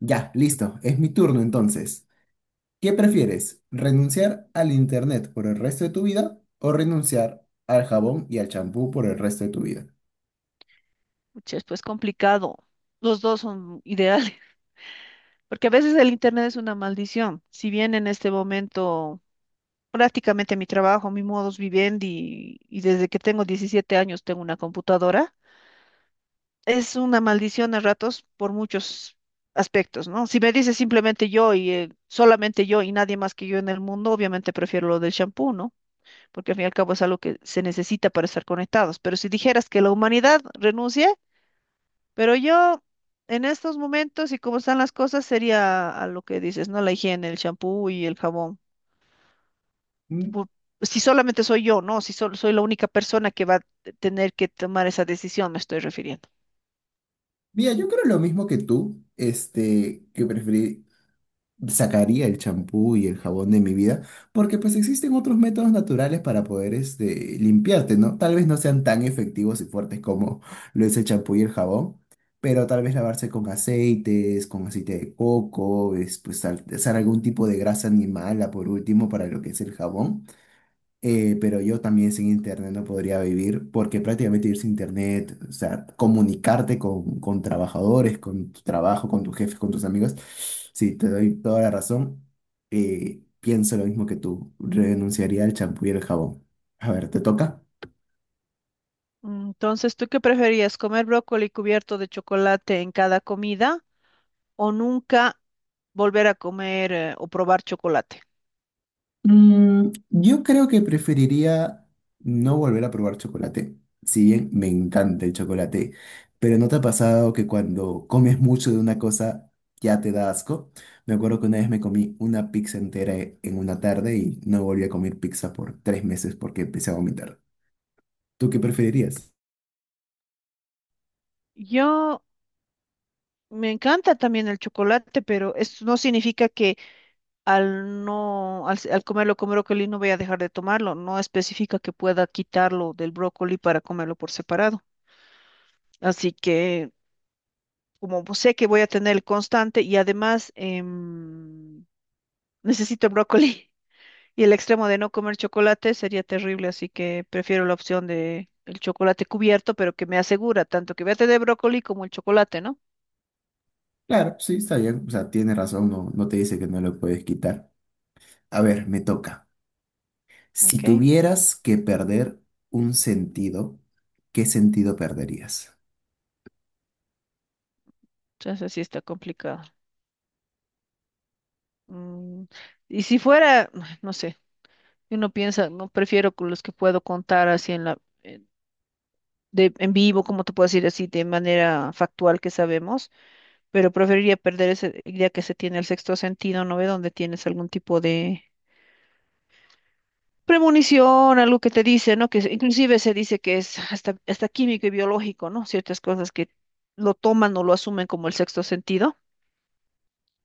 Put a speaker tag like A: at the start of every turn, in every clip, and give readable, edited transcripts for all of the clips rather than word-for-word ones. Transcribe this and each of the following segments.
A: Ya, listo, es mi turno entonces. ¿Qué prefieres? ¿Renunciar al internet por el resto de tu vida o renunciar al jabón y al champú por el resto de tu vida?
B: Pucha, es pues complicado. Los dos son ideales, porque a veces el Internet es una maldición. Si bien en este momento prácticamente mi trabajo, mi modus vivendi, y desde que tengo 17 años tengo una computadora, es una maldición a ratos por muchos aspectos, ¿no? Si me dices simplemente yo y solamente yo y nadie más que yo en el mundo, obviamente prefiero lo del champú, ¿no? Porque al fin y al cabo es algo que se necesita para estar conectados. Pero si dijeras que la humanidad renuncia, pero yo, en estos momentos y como están las cosas, sería a lo que dices, ¿no? La higiene, el champú y el jabón.
A: Mm,
B: Pu- Si solamente soy yo, ¿no? Si solo soy la única persona que va a tener que tomar esa decisión, me estoy refiriendo.
A: Mira, yo creo lo mismo que tú, que sacaría el champú y el jabón de mi vida, porque pues existen otros métodos naturales para poder limpiarte, ¿no? Tal vez no sean tan efectivos y fuertes como lo es el champú y el jabón, pero tal vez lavarse con aceites, con aceite de coco, es, pues, usar algún tipo de grasa animal, por último, para lo que es el jabón. Pero yo también sin internet no podría vivir, porque prácticamente vivir sin internet, o sea, comunicarte con trabajadores, con tu trabajo, con tus jefes, con tus amigos, sí, te doy toda la razón. Pienso lo mismo que tú, renunciaría al champú y el jabón. A ver, ¿te toca?
B: Entonces, ¿tú qué preferías? ¿Comer brócoli cubierto de chocolate en cada comida o nunca volver a comer o probar chocolate?
A: Yo creo que preferiría no volver a probar chocolate, si bien me encanta el chocolate, pero ¿no te ha pasado que cuando comes mucho de una cosa ya te da asco? Me acuerdo que una vez me comí una pizza entera en una tarde y no volví a comer pizza por 3 meses porque empecé a vomitar. ¿Tú qué preferirías?
B: Yo me encanta también el chocolate, pero esto no significa que al comerlo con brócoli no voy a dejar de tomarlo. No especifica que pueda quitarlo del brócoli para comerlo por separado. Así que como pues, sé que voy a tener el constante y además necesito brócoli y el extremo de no comer chocolate sería terrible, así que prefiero la opción de el chocolate cubierto, pero que me asegura tanto que voy a tener brócoli como el chocolate, ¿no?
A: Claro, sí, está bien, o sea, tienes razón, no, no te dice que no lo puedes quitar. A ver, me toca. Si
B: Ok,
A: tuvieras que perder un sentido, ¿qué sentido perderías?
B: entonces sí está complicado. Mm, y si fuera, no sé, uno piensa, no prefiero con los que puedo contar así en la en- en vivo, como te puedo decir así de manera factual que sabemos. Pero preferiría perder ese, día que se tiene el sexto sentido, ¿no ve? Donde tienes algún tipo de premonición, algo que te dice, ¿no? Inclusive se dice que es hasta químico y biológico, ¿no? Ciertas cosas que lo toman o lo asumen como el sexto sentido,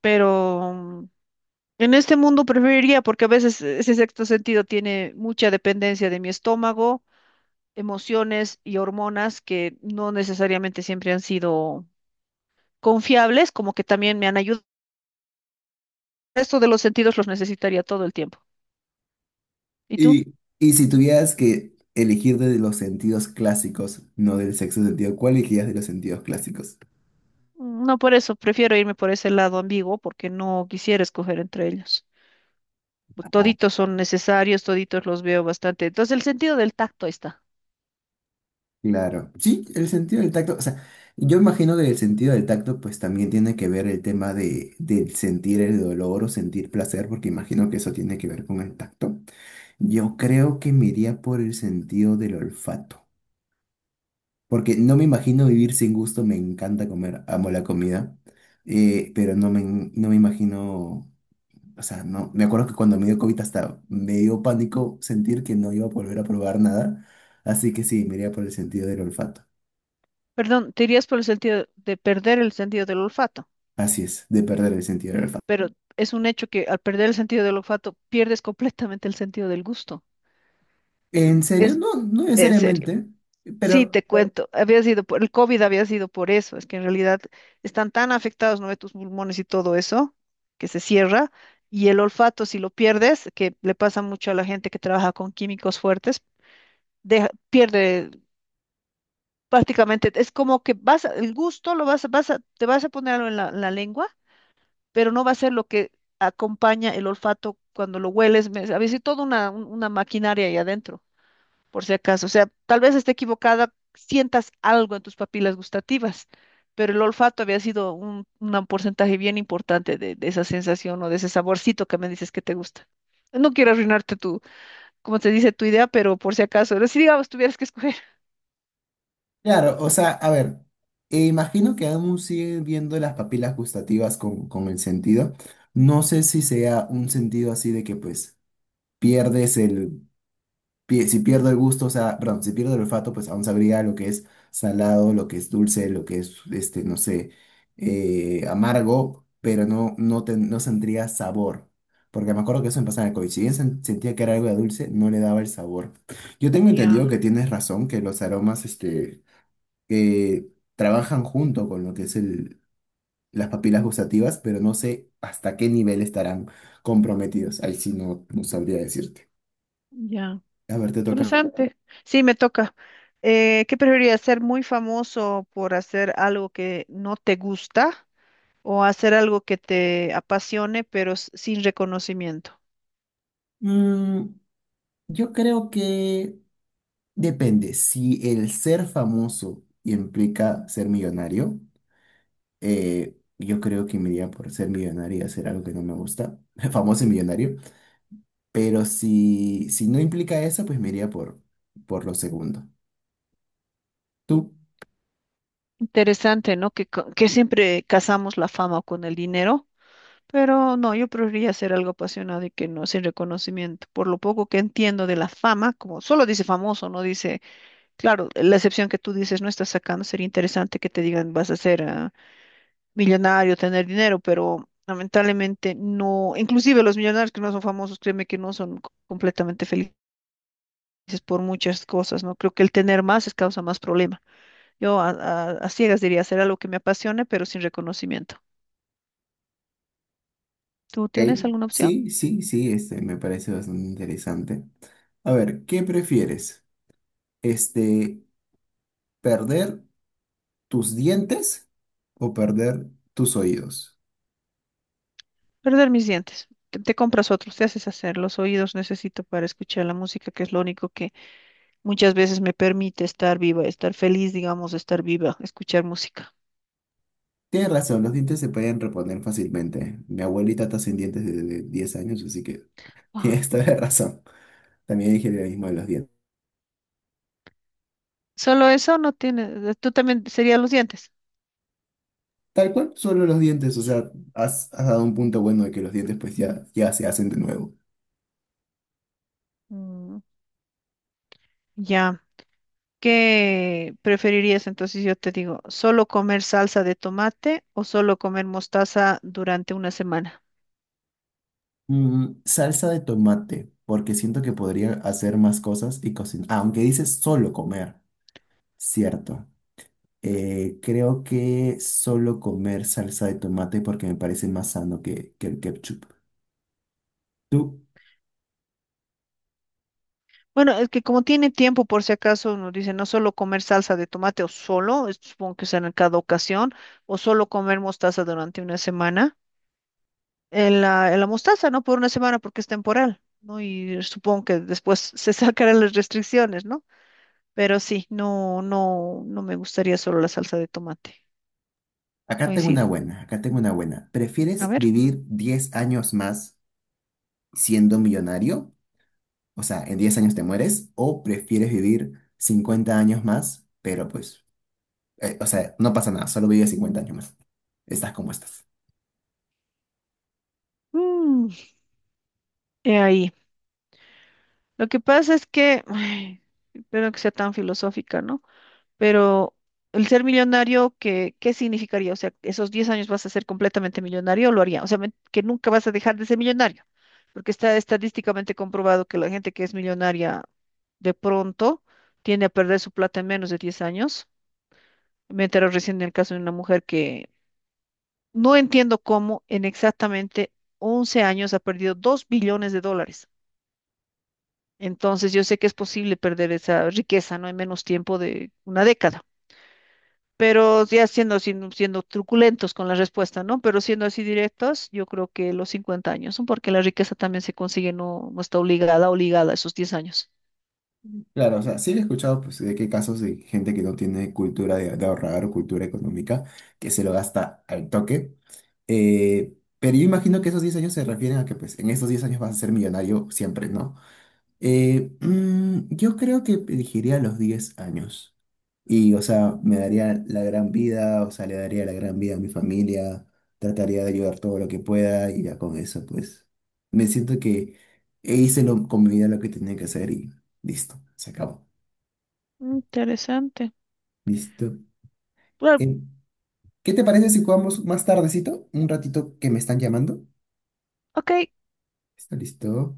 B: pero en este mundo preferiría, porque a veces ese sexto sentido tiene mucha dependencia de mi estómago, emociones y hormonas que no necesariamente siempre han sido confiables, como que también me han ayudado. Esto de los sentidos los necesitaría todo el tiempo. ¿Y tú?
A: Y si tuvieras que elegir de los sentidos clásicos, no del sexo sentido, ¿cuál elegirías de los sentidos clásicos?
B: No, por eso prefiero irme por ese lado ambiguo porque no quisiera escoger entre ellos.
A: Ah.
B: Toditos son necesarios, toditos los veo bastante. Entonces, el sentido del tacto ahí está.
A: Claro. Sí, el sentido del tacto, o sea, yo imagino que el sentido del tacto pues también tiene que ver el tema de, del sentir el dolor o sentir placer, porque imagino que eso tiene que ver con el tacto. Yo creo que me iría por el sentido del olfato, porque no me imagino vivir sin gusto, me encanta comer, amo la comida, pero no me imagino... O sea, no, me acuerdo que cuando me dio COVID hasta me dio pánico sentir que no iba a volver a probar nada. Así que sí, me iría por el sentido del olfato.
B: Perdón, te irías por el sentido de perder el sentido del olfato,
A: Así es, de perder el sentido del olfato.
B: pero es un hecho que al perder el sentido del olfato pierdes completamente el sentido del gusto.
A: ¿En serio?
B: Es
A: No, no
B: en serio.
A: necesariamente.
B: Sí,
A: Pero,
B: te cuento, había sido por el COVID, había sido por eso, es que en realidad están tan afectados, ¿no? Tus pulmones y todo eso, que se cierra, y el olfato, si lo pierdes, que le pasa mucho a la gente que trabaja con químicos fuertes, pierde prácticamente, es como que vas, el gusto lo vas, te vas a poner algo en la lengua, pero no va a ser lo que acompaña el olfato cuando lo hueles, había sido toda una maquinaria ahí adentro por si acaso. O sea, tal vez esté equivocada, sientas algo en tus papilas gustativas, pero el olfato había sido un porcentaje bien importante de esa sensación o de ese saborcito que me dices que te gusta. No quiero arruinarte tu, como te dice, tu idea, pero por si acaso, pero si digamos tuvieras que escoger.
A: claro, o sea, a ver, imagino que aún siguen viendo las papilas gustativas con el sentido. No sé si sea un sentido así de que pues pierdes el si pierdo el gusto, o sea, perdón, si pierdo el olfato, pues aún sabría lo que es salado, lo que es dulce, lo que es, no sé, amargo, pero no no sentiría sabor. Porque me acuerdo que eso me pasaba en el COVID. Si bien sentía que era algo de dulce, no le daba el sabor. Yo tengo entendido que
B: Ya,
A: tienes razón, que los aromas, que trabajan junto con lo que es el, las papilas gustativas, pero no sé hasta qué nivel estarán comprometidos. Ahí sí no, no sabría decirte.
B: ya.
A: A ver, te toca.
B: Interesante. Sí, me toca. ¿Qué preferirías? ¿Ser muy famoso por hacer algo que no te gusta? ¿O hacer algo que te apasione, pero sin reconocimiento?
A: Yo creo que depende. Si el ser famoso implica ser millonario, yo creo que me iría por ser millonario y hacer algo que no me gusta, famoso y millonario. Pero si no implica eso, pues me iría por lo segundo. ¿Tú?
B: Interesante, ¿no? Que siempre casamos la fama con el dinero, pero no, yo preferiría hacer algo apasionado y que no sin reconocimiento. Por lo poco que entiendo de la fama, como solo dice famoso, no dice, claro, la excepción que tú dices no estás sacando, sería interesante que te digan vas a ser millonario, tener dinero, pero lamentablemente no, inclusive los millonarios que no son famosos, créeme que no son completamente felices por muchas cosas, ¿no? Creo que el tener más es causa más problema. Yo a ciegas diría hacer algo que me apasione, pero sin reconocimiento. ¿Tú tienes
A: ¿Eh?
B: alguna opción?
A: Sí, sí, sí, me parece bastante interesante. A ver, ¿qué prefieres? Este, ¿Perder tus dientes o perder tus oídos?
B: Perder mis dientes. Te compras otros, te haces hacer. Los oídos necesito para escuchar la música, que es lo único que muchas veces me permite estar viva, estar feliz, digamos, estar viva, escuchar música.
A: Tienes razón, los dientes se pueden reponer fácilmente. Mi abuelita está sin dientes desde 10 años, así que
B: Wow.
A: tienes toda la razón. También dije lo mismo de los dientes.
B: Solo eso no tiene, tú también sería los dientes.
A: Tal cual, solo los dientes, o sea, has dado un punto bueno de que los dientes pues ya, ya se hacen de nuevo.
B: Mm, ya. ¿Qué preferirías entonces? Yo te digo, ¿solo comer salsa de tomate o solo comer mostaza durante una semana?
A: Salsa de tomate, porque siento que podría hacer más cosas y cocinar. Aunque dices solo comer, cierto. Creo que solo comer salsa de tomate porque me parece más sano que el ketchup. ¿Tú?
B: Bueno, es que como tiene tiempo, por si acaso, uno dice no solo comer salsa de tomate o solo, supongo que será en cada ocasión, o solo comer mostaza durante una semana. En la mostaza, ¿no? Por una semana porque es temporal, ¿no? Y supongo que después se sacarán las restricciones, ¿no? Pero sí, no me gustaría solo la salsa de tomate.
A: Acá tengo una
B: Coincido.
A: buena, acá tengo una buena.
B: A
A: ¿Prefieres
B: ver.
A: vivir 10 años más siendo millonario? O sea, en 10 años te mueres, o prefieres vivir 50 años más, pero pues, o sea, no pasa nada, solo vives 50 años más. Estás como estás.
B: Mm, he ahí. Lo que pasa es que, ay, espero que sea tan filosófica, ¿no? Pero el ser millonario, qué significaría? O sea, ¿esos 10 años vas a ser completamente millonario o lo haría? O sea, que nunca vas a dejar de ser millonario, porque está estadísticamente comprobado que la gente que es millonaria de pronto tiende a perder su plata en menos de 10 años. Me enteré recién del caso de una mujer que no entiendo cómo en exactamente 11 años ha perdido 2 billones de dólares. Entonces, yo sé que es posible perder esa riqueza, ¿no? En menos tiempo de una década. Pero ya siendo truculentos con la respuesta, ¿no? Pero siendo así directos, yo creo que los 50 años, ¿no? Porque la riqueza también se consigue, no está obligada a esos 10 años.
A: Claro, o sea, sí he escuchado pues, de qué casos de gente que no tiene cultura de ahorrar o cultura económica, que se lo gasta al toque. Eh, pero yo imagino que esos 10 años se refieren a que pues en esos 10 años vas a ser millonario siempre, ¿no? Yo creo que elegiría los 10 años. Y, o sea, me daría la gran vida, o sea, le daría la gran vida a mi familia, trataría de ayudar todo lo que pueda y ya con eso, pues, me siento que hice con mi vida lo que tenía que hacer y listo, se acabó.
B: Interesante.
A: Listo.
B: Bueno,
A: Eh, ¿Qué te parece si jugamos más tardecito? Un ratito que me están llamando.
B: ok,
A: ¿Está listo?